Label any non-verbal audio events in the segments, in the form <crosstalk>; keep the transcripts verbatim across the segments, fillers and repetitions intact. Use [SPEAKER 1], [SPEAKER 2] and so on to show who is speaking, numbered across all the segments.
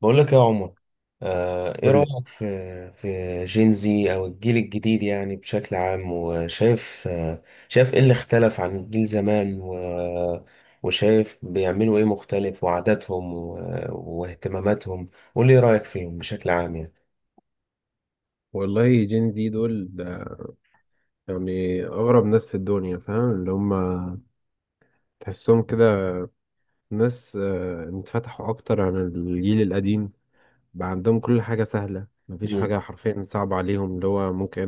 [SPEAKER 1] بقول لك يا عمر. آه، ايه
[SPEAKER 2] قول لي.
[SPEAKER 1] رأيك في في جينزي او الجيل الجديد يعني بشكل عام، وشايف آه، شايف ايه اللي اختلف عن الجيل زمان و- وشايف بيعملوا ايه مختلف، وعاداتهم و- واهتماماتهم. قول لي ايه رأيك فيهم بشكل عام يعني.
[SPEAKER 2] والله جين زي دول ده يعني أغرب ناس في الدنيا، فاهم اللي هم؟ تحسهم كده ناس، آه، اتفتحوا أكتر عن الجيل القديم. بقى عندهم كل حاجة سهلة، مفيش
[SPEAKER 1] امم.
[SPEAKER 2] حاجة حرفيا صعبة عليهم. اللي هو ممكن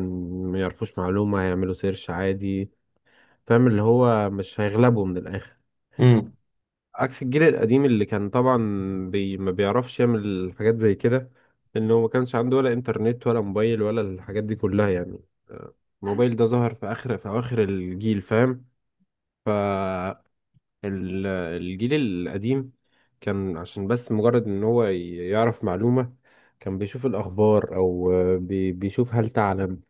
[SPEAKER 2] ما يعرفوش معلومة هيعملوا سيرش عادي. فاهم اللي هو مش هيغلبوا من الآخر، عكس الجيل القديم اللي كان طبعا بي ما بيعرفش يعمل حاجات زي كده، لأنه ما كانش عنده ولا إنترنت ولا موبايل ولا الحاجات دي كلها يعني. الموبايل ده ظهر في اخر في اواخر الجيل، فاهم؟ فالجيل القديم كان عشان بس مجرد ان هو ي- يعرف معلومة، كان بيشوف الاخبار او آه، بي- بيشوف هل تعلم،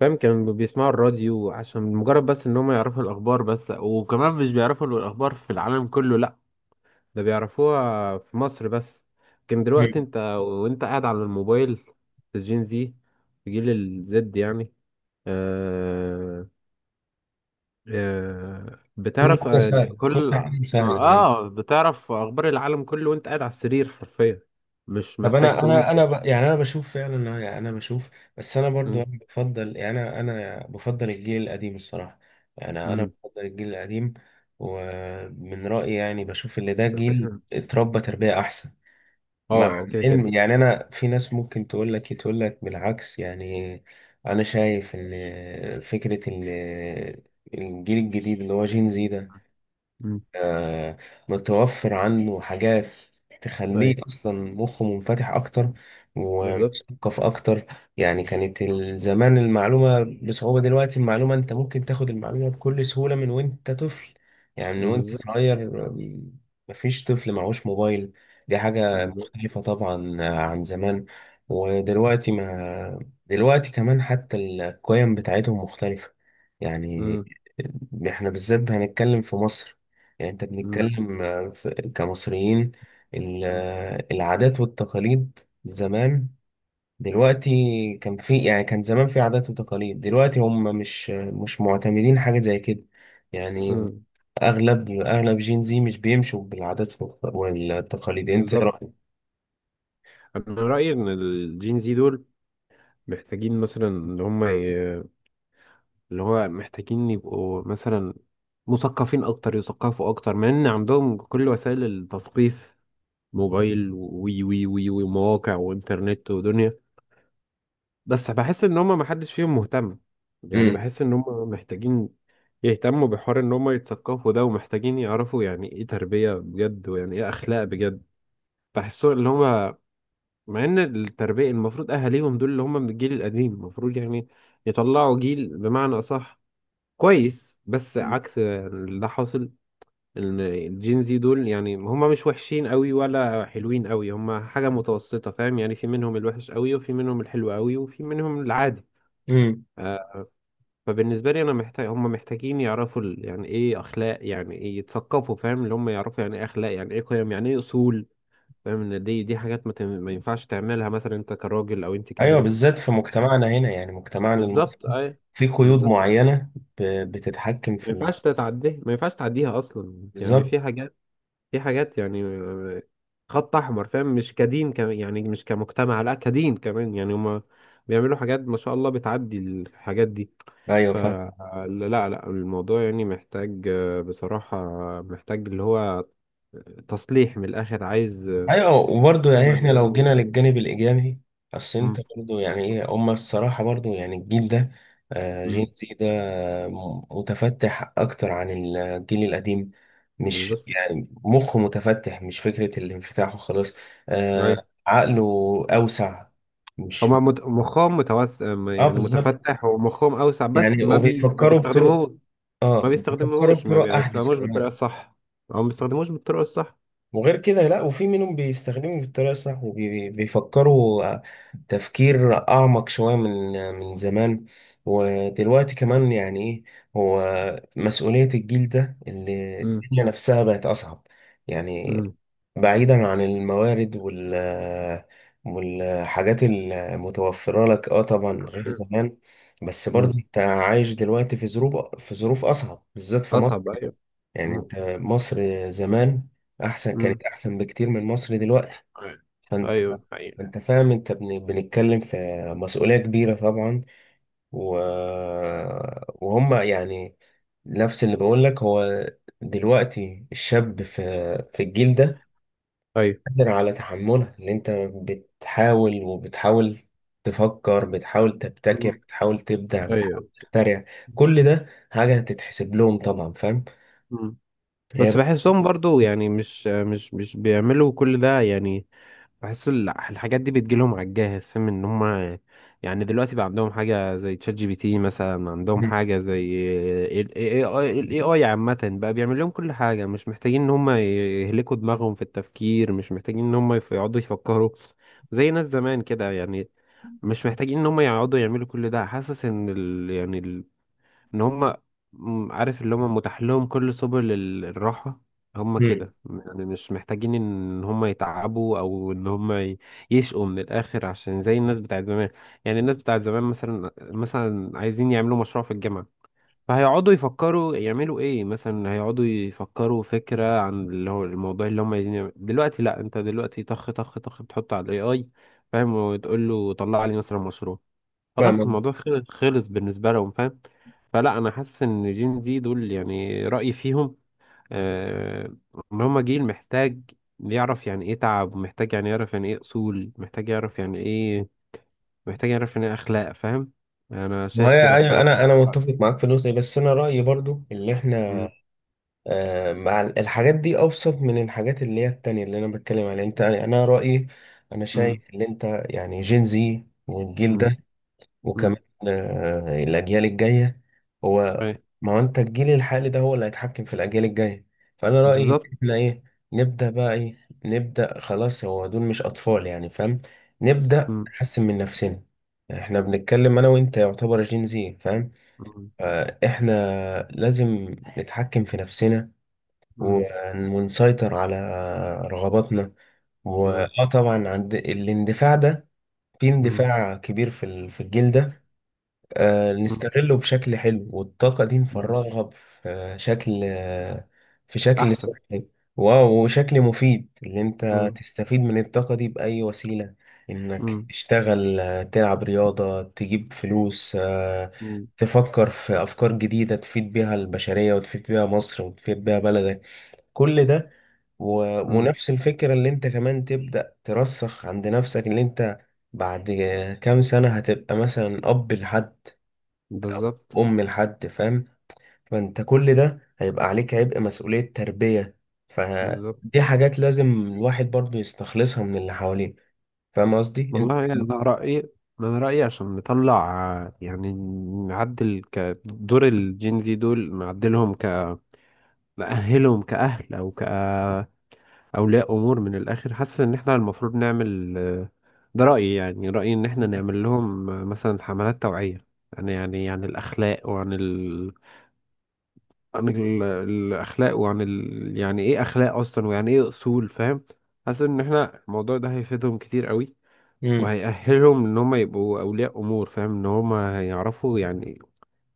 [SPEAKER 2] فاهم؟ كانوا بيسمعوا الراديو عشان مجرد بس ان هم يعرفوا الاخبار بس، وكمان مش بيعرفوا الاخبار في العالم كله لا، ده بيعرفوها في مصر بس. لكن دلوقتي
[SPEAKER 1] امم.
[SPEAKER 2] انت وانت قاعد على الموبايل في الجين زي، في جيل الزد يعني. آه. آه،
[SPEAKER 1] كل
[SPEAKER 2] بتعرف
[SPEAKER 1] حاجة
[SPEAKER 2] آه، ج-
[SPEAKER 1] سهلة، كل
[SPEAKER 2] كل.
[SPEAKER 1] حاجة سهلة يعني.
[SPEAKER 2] اه، بتعرف اخبار العالم كله وانت قاعد على السرير حرفيا، مش
[SPEAKER 1] طب
[SPEAKER 2] محتاج
[SPEAKER 1] انا
[SPEAKER 2] تقوم.
[SPEAKER 1] انا انا ب... يعني انا بشوف فعلا، يعني انا بشوف. بس انا
[SPEAKER 2] م-
[SPEAKER 1] برضو انا بفضل، يعني انا انا بفضل الجيل القديم الصراحه. يعني انا
[SPEAKER 2] م-
[SPEAKER 1] بفضل الجيل القديم. ومن رايي يعني بشوف ان ده جيل
[SPEAKER 2] <coughs>
[SPEAKER 1] اتربى تربيه احسن، مع
[SPEAKER 2] اه، أو كده
[SPEAKER 1] العلم.
[SPEAKER 2] كده.
[SPEAKER 1] يعني انا في ناس ممكن تقول لك تقول لك بالعكس يعني. انا شايف ان فكره ان الجيل الجديد اللي هو جين زي ده،
[SPEAKER 2] م.
[SPEAKER 1] آه، متوفر عنه حاجات تخليه
[SPEAKER 2] ايوه،
[SPEAKER 1] أصلا مخه منفتح أكتر
[SPEAKER 2] بالظبط،
[SPEAKER 1] ومثقف أكتر. يعني كانت ال- زمان المعلومة بصعوبة، دلوقتي المعلومة أنت ممكن تاخد المعلومة بكل سهولة من وأنت طفل، يعني من وأنت
[SPEAKER 2] بالظبط،
[SPEAKER 1] صغير. آم، مفيش طفل معهوش موبايل. دي حاجة
[SPEAKER 2] بالظبط.
[SPEAKER 1] مختلفة طبعا آه، عن زمان. ودلوقتي ما، دلوقتي كمان حتى القيم بتاعتهم مختلفة يعني.
[SPEAKER 2] م-
[SPEAKER 1] احنا بالذات هنتكلم في مصر، يعني انت
[SPEAKER 2] م-
[SPEAKER 1] بنتكلم آه، في- كمصريين. ال- آه، العادات والتقاليد زمان، دلوقتي كان في، يعني كان زمان في عادات وتقاليد. دلوقتي هم مش مش معتمدين حاجة زي كده يعني.
[SPEAKER 2] م.
[SPEAKER 1] اغلب اغلب جين زي مش بيمشوا بالعادات والتقاليد. انت ايه
[SPEAKER 2] بالظبط.
[SPEAKER 1] رأيك؟
[SPEAKER 2] انا رايي ان الجين زي دول محتاجين مثلا ان هم ي- اللي هو محتاجين يبقوا مثلا مثقفين اكتر، يثقفوا اكتر، مع ان عندهم كل وسائل التثقيف: موبايل وي وي وي وي ومواقع وانترنت ودنيا. بس بحس ان هم ما حدش فيهم مهتم. يعني
[SPEAKER 1] امم.
[SPEAKER 2] بحس ان هم محتاجين يهتموا بحوار ان هم يتثقفوا ده، ومحتاجين يعرفوا يعني ايه تربية بجد، ويعني ايه اخلاق بجد. بحسوا اللي هم، مع ان التربية المفروض اهاليهم دول اللي هم من الجيل القديم المفروض يعني يطلعوا جيل بمعنى اصح كويس، بس عكس اللي حاصل. الجين زي دول يعني هما مش وحشين قوي ولا حلوين قوي، هما حاجة متوسطة، فاهم؟ يعني في منهم الوحش قوي وفي منهم الحلو قوي وفي منهم العادي.
[SPEAKER 1] امم.
[SPEAKER 2] آه، فبالنسبة لي أنا محتاج، هما محتاجين يعرفوا ال- يعني إيه أخلاق، يعني إيه يتثقفوا، فاهم اللي هما يعرفوا يعني إيه أخلاق، يعني إيه قيم، يعني إيه أصول، فاهم؟ إن دي دي حاجات ما, تم- ما ينفعش تعملها مثلا أنت كراجل أو أنت
[SPEAKER 1] ايوه،
[SPEAKER 2] كبنت.
[SPEAKER 1] بالذات في مجتمعنا هنا، يعني مجتمعنا المصري
[SPEAKER 2] بالظبط، أي.
[SPEAKER 1] في قيود
[SPEAKER 2] بالظبط.
[SPEAKER 1] معينة ب- بتتحكم
[SPEAKER 2] ما
[SPEAKER 1] في
[SPEAKER 2] ينفعش
[SPEAKER 1] ال-
[SPEAKER 2] تتعديها، ما ينفعش تعديها أصلا، يعني
[SPEAKER 1] بالظبط.
[SPEAKER 2] في حاجات، في حاجات يعني خط احمر، فاهم؟ مش كدين كمان، يعني مش كمجتمع لا، كدين كمان يعني. هما بيعملوا حاجات ما شاء الله، بتعدي الحاجات دي.
[SPEAKER 1] ايوه فاهم.
[SPEAKER 2] فلا لا لا، الموضوع يعني محتاج، آه، بصراحة محتاج اللي هو تصليح من الاخر، عايز آه،
[SPEAKER 1] ايوه، وبرضه
[SPEAKER 2] زي
[SPEAKER 1] يعني
[SPEAKER 2] ما
[SPEAKER 1] احنا لو
[SPEAKER 2] بيقولوا.
[SPEAKER 1] جينا للجانب الايجابي. بس
[SPEAKER 2] مم،
[SPEAKER 1] انت برضه يعني ايه هما، الصراحه برضه يعني الجيل ده، آه، جين
[SPEAKER 2] مم،
[SPEAKER 1] زي ده م- متفتح اكتر عن الجيل القديم. مش
[SPEAKER 2] بالظبط.
[SPEAKER 1] يعني مخه متفتح، مش فكره الانفتاح وخلاص،
[SPEAKER 2] أيوة.
[SPEAKER 1] آه، عقله اوسع. مش،
[SPEAKER 2] هما مت- مخهم متوسع،
[SPEAKER 1] اه
[SPEAKER 2] يعني
[SPEAKER 1] بالظبط.
[SPEAKER 2] متفتح ومخهم اوسع، بس
[SPEAKER 1] يعني
[SPEAKER 2] ما بي ما
[SPEAKER 1] وبيفكروا بطرق،
[SPEAKER 2] بيستخدموه. ما
[SPEAKER 1] اه بيفكروا
[SPEAKER 2] بيستخدموهوش ما
[SPEAKER 1] بطرق احدث
[SPEAKER 2] بيستخدموش بالطريقة
[SPEAKER 1] كمان.
[SPEAKER 2] الصح، او ما بيستخدموش بالطريقة الصح.
[SPEAKER 1] وغير كده لا، وفي منهم بيستخدموا بالطريقة الصح وبيفكروا تفكير أعمق شوية من، من زمان. ودلوقتي كمان يعني إيه، هو مسؤولية الجيل ده اللي الدنيا نفسها بقت أصعب، يعني
[SPEAKER 2] مم.
[SPEAKER 1] بعيدا عن الموارد وال والحاجات المتوفرة لك، اه طبعا غير زمان. بس
[SPEAKER 2] مم.
[SPEAKER 1] برضه انت عايش دلوقتي في ظروف في ظروف أصعب بالذات في مصر.
[SPEAKER 2] أصعب، أيوه.
[SPEAKER 1] يعني
[SPEAKER 2] مم.
[SPEAKER 1] انت، مصر زمان احسن،
[SPEAKER 2] مم.
[SPEAKER 1] كانت احسن بكتير من مصر دلوقتي.
[SPEAKER 2] أيوه،
[SPEAKER 1] فانت،
[SPEAKER 2] أيوه، أيوه،
[SPEAKER 1] انت فاهم، انت بن- بنتكلم في مسؤولية كبيرة طبعا، و... وهم يعني نفس اللي بقول لك. هو دلوقتي الشاب في، في الجيل ده
[SPEAKER 2] أيوه.
[SPEAKER 1] قادر على تحملها، اللي انت بتحاول وبتحاول تفكر، بتحاول تبتكر،
[SPEAKER 2] مم.
[SPEAKER 1] بتحاول تبدع، بتحاول
[SPEAKER 2] أيوه.
[SPEAKER 1] تخترع. كل ده حاجة هتتحسب لهم طبعا، فاهم.
[SPEAKER 2] مم.
[SPEAKER 1] هي
[SPEAKER 2] بس
[SPEAKER 1] بقى-
[SPEAKER 2] بحسهم برضو، يعني مش مش مش بيعملوا كل ده يعني. بحس ال- الحاجات دي بتجيلهم على الجاهز، فاهم ان هم، يعني دلوقتي بقى عندهم حاجة زي تشات جي بي تي مثلا، عندهم حاجة زي ال إيه آي. ال إيه آي عامة بقى بيعمل لهم كل حاجة، مش محتاجين ان هم يهلكوا دماغهم في التفكير، مش محتاجين ان هم يف- يقعدوا يفكروا زي ناس زمان كده يعني، مش محتاجين ان هم يقعدوا يعملوا كل ده. حاسس ان ال، يعني ان هم، م- عارف اللي هم متاح لهم كل سبل ال- الراحة، هم
[SPEAKER 1] مم.
[SPEAKER 2] كده يعني. مش محتاجين ان هم يتعبوا او ان هم ي- يشقوا من الاخر عشان زي الناس بتاعت زمان. يعني الناس بتاعت زمان مثلا، مثلا عايزين يعملوا مشروع في الجامعة، فهيقعدوا يفكروا يعملوا ايه، مثلا هيقعدوا يفكروا فكرة عن اللي هو الموضوع اللي هم عايزين يعملوا. دلوقتي لا، انت دلوقتي طخ طخ طخ بتحطه على الاي اي، فاهم؟ وتقول له طلع لي مثلا مشروع، خلاص
[SPEAKER 1] فاهم.
[SPEAKER 2] الموضوع خل- خلص بالنسبة لهم، فاهم؟ فلا، أنا حاسس إن جين زي دول يعني رأيي فيهم آه إن هما جيل محتاج يعرف يعني إيه تعب، ومحتاج يعني يعرف يعني إيه أصول، محتاج يعرف يعني إيه، محتاج يعرف يعني إيه أخلاق، فاهم؟ أنا
[SPEAKER 1] ما
[SPEAKER 2] شايف
[SPEAKER 1] هي،
[SPEAKER 2] كده
[SPEAKER 1] ايوه،
[SPEAKER 2] بصراحة.
[SPEAKER 1] انا انا متفق معاك في النقطه دي. بس انا رايي برضو اللي احنا
[SPEAKER 2] مم.
[SPEAKER 1] آه، مع ال- الحاجات دي ابسط من الحاجات اللي هي التانية اللي انا بتكلم عليها، انت. انا رايي انا شايف
[SPEAKER 2] مم.
[SPEAKER 1] ان انت، يعني جين زي والجيل
[SPEAKER 2] مم.
[SPEAKER 1] ده،
[SPEAKER 2] مم.
[SPEAKER 1] وكمان آه، الأجيال الجاية هو،
[SPEAKER 2] أي.
[SPEAKER 1] ما هو أنت الجيل الحالي ده هو اللي هيتحكم في الأجيال الجاية. فأنا رأيي إن
[SPEAKER 2] بالظبط.
[SPEAKER 1] إحنا إيه، نبدأ بقى إيه، نبدأ خلاص، هو دول مش أطفال يعني، فاهم. نبدأ
[SPEAKER 2] مم.
[SPEAKER 1] نحسن من نفسنا. إحنا بنتكلم أنا وأنت يعتبر جين زي، فاهم.
[SPEAKER 2] مم.
[SPEAKER 1] آه، إحنا لازم نتحكم في نفسنا ون-
[SPEAKER 2] مم.
[SPEAKER 1] ونسيطر على رغباتنا.
[SPEAKER 2] مم.
[SPEAKER 1] وآه طبعا عند الاندفاع ده، في
[SPEAKER 2] مم.
[SPEAKER 1] اندفاع كبير في ال- في الجيل ده، آه، نستغله بشكل حلو والطاقة دي
[SPEAKER 2] مم.
[SPEAKER 1] نفرغها في شكل، آه، في شكل
[SPEAKER 2] أحسن.
[SPEAKER 1] صحي واو وشكل مفيد اللي انت
[SPEAKER 2] مم.
[SPEAKER 1] تستفيد من الطاقة دي بأي وسيلة، انك
[SPEAKER 2] مم.
[SPEAKER 1] تشتغل، آه، تلعب رياضة، تجيب فلوس، آه،
[SPEAKER 2] مم.
[SPEAKER 1] تفكر في أفكار جديدة تفيد بيها البشرية وتفيد بيها مصر وتفيد بيها بلدك. كل ده، و...
[SPEAKER 2] مم.
[SPEAKER 1] ونفس الفكرة اللي انت كمان تبدأ ترسخ عند نفسك، اللي انت بعد كام سنة هتبقى مثلا أب لحد،
[SPEAKER 2] بالظبط.
[SPEAKER 1] ام لحد، فاهم. فانت كل ده هيبقى عليك عبء مسؤولية تربية.
[SPEAKER 2] بالظبط.
[SPEAKER 1] فدي حاجات لازم الواحد برضو يستخلصها من اللي حواليه، فاهم قصدي انت.
[SPEAKER 2] والله يعني انا رايي، انا رايي عشان نطلع، آه، يعني نعدل كدور الجين زي دول، نعدلهم ك، نأهلهم كأهل او كأولياء امور من الاخر. حاسس ان احنا المفروض نعمل، آه، ده رايي، يعني رايي ان احنا نعمل لهم آه، مثلا حملات توعيه، يعني يعني عن الاخلاق وعن ال... عن ال... الاخلاق وعن ال... يعني ايه اخلاق اصلا، ويعني ايه اصول، فاهم؟ حاسس ان احنا الموضوع ده هيفيدهم كتير قوي،
[SPEAKER 1] امم.
[SPEAKER 2] وهيأهلهم ان هم يبقوا اولياء امور، فاهم ان هم هيعرفوا يعني،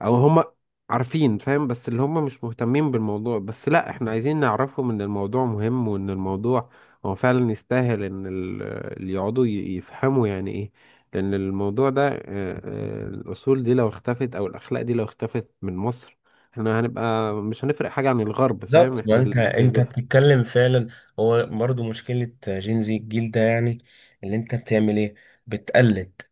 [SPEAKER 2] او هم عارفين، فاهم؟ بس اللي هم مش مهتمين بالموضوع بس. لا احنا عايزين نعرفهم ان الموضوع مهم، وان الموضوع هو فعلا يستاهل ان ال- اللي يقعدوا ي- يفهموا يعني ايه، لان الموضوع ده آه، آه، الاصول دي لو اختفت او الاخلاق دي لو اختفت من مصر، احنا هنبقى مش هنفرق حاجة عن الغرب، فاهم؟
[SPEAKER 1] بالظبط، ما
[SPEAKER 2] احنا ال...
[SPEAKER 1] انت
[SPEAKER 2] ب-
[SPEAKER 1] انت
[SPEAKER 2] ب-
[SPEAKER 1] بتتكلم فعلا، هو برضو مشكلة جين زي الجيل ده يعني. اللي انت بتعمل ايه، بتقلد.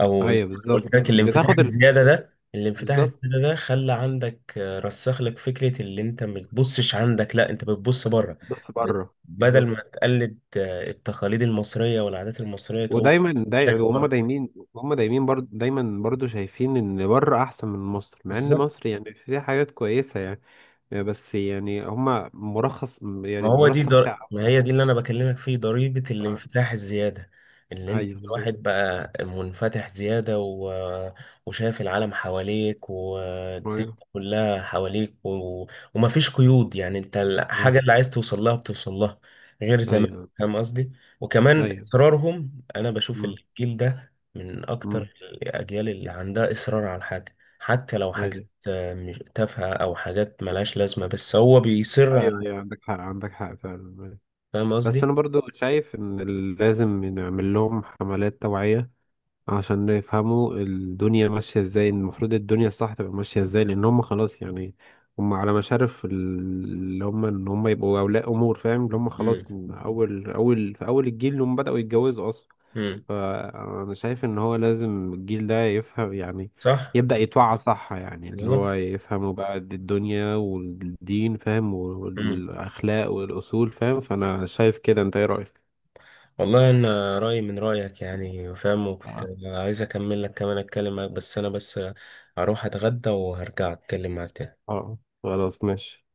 [SPEAKER 1] او زي
[SPEAKER 2] ايوه
[SPEAKER 1] ما
[SPEAKER 2] بالظبط،
[SPEAKER 1] قلت لك، الانفتاح
[SPEAKER 2] بتاخد ال...
[SPEAKER 1] الزياده ده الانفتاح
[SPEAKER 2] بالظبط،
[SPEAKER 1] الزياده ده خلى عندك، آه، رسخ لك فكره اللي انت ما بتبصش عندك، لا انت بتبص بره.
[SPEAKER 2] بس
[SPEAKER 1] بت-
[SPEAKER 2] بره.
[SPEAKER 1] بدل
[SPEAKER 2] بالظبط.
[SPEAKER 1] ما تقلد آه، التقاليد المصريه والعادات المصريه، تقوم
[SPEAKER 2] ودايما داي...
[SPEAKER 1] شايف
[SPEAKER 2] وهم
[SPEAKER 1] بره.
[SPEAKER 2] دايمين، هم دايمين برضو، دايما برضو شايفين ان بره احسن من مصر، مع ان
[SPEAKER 1] بالظبط.
[SPEAKER 2] مصر يعني فيها حاجات كويسة يعني. آه، بس يعني هم مرخص،
[SPEAKER 1] ما
[SPEAKER 2] يعني
[SPEAKER 1] هو دي
[SPEAKER 2] مرسخ في
[SPEAKER 1] در... ما
[SPEAKER 2] عقلها.
[SPEAKER 1] هي دي اللي انا بكلمك فيه، ضريبة
[SPEAKER 2] آه.
[SPEAKER 1] الانفتاح الزيادة، اللي انت
[SPEAKER 2] ايوه بالظبط.
[SPEAKER 1] الواحد بقى منفتح زيادة، و... وشايف العالم حواليك والدنيا
[SPEAKER 2] ايوه.
[SPEAKER 1] كلها حواليك، و... ومفيش قيود، يعني انت
[SPEAKER 2] آه.
[SPEAKER 1] الحاجة اللي عايز توصل لها بتوصل لها غير زمان.
[SPEAKER 2] ايوه،
[SPEAKER 1] فاهم قصدي. وكمان
[SPEAKER 2] ايوه.
[SPEAKER 1] اصرارهم، انا بشوف
[SPEAKER 2] امم.
[SPEAKER 1] الجيل ده من
[SPEAKER 2] امم.
[SPEAKER 1] اكتر الاجيال اللي عندها اصرار على الحاجة، حتى لو
[SPEAKER 2] ايوه،
[SPEAKER 1] حاجات آه، مش- تافهة او حاجات ملهاش لازمة، بس هو بيصر على.
[SPEAKER 2] ايوه، ايوه، عندك حق، عندك حق فعلا. أيوه.
[SPEAKER 1] فاهم
[SPEAKER 2] بس
[SPEAKER 1] قصدي.
[SPEAKER 2] انا برضو شايف ان لازم نعمل لهم حملات توعية، عشان يفهموا الدنيا ماشية ازاي، المفروض الدنيا الصح تبقى ماشية ازاي، لأن هم خلاص يعني. هم على مشارف ال- اللي هم إن هم يبقوا أولياء أمور، فاهم اللي هم خلاص
[SPEAKER 1] امم.
[SPEAKER 2] أول أول في أول الجيل اللي هم بدأوا يتجوزوا أصلا.
[SPEAKER 1] امم.
[SPEAKER 2] فأنا شايف إن هو لازم الجيل ده يفهم يعني،
[SPEAKER 1] صح.
[SPEAKER 2] يبدأ يتوعى صح، يعني اللي
[SPEAKER 1] بالظبط.
[SPEAKER 2] هو يفهموا بقى الدنيا والدين، فاهم؟
[SPEAKER 1] امم.
[SPEAKER 2] والأخلاق والأصول، فاهم؟ فأنا شايف كده، أنت إيه رأيك؟
[SPEAKER 1] والله انا رايي من رايك يعني، فاهم، وكنت
[SPEAKER 2] آه.
[SPEAKER 1] عايز اكمل لك كمان اتكلم معاك، بس انا بس اروح اتغدى وهرجع اتكلم معاك تاني.
[SPEAKER 2] اه خلاص، ماشي.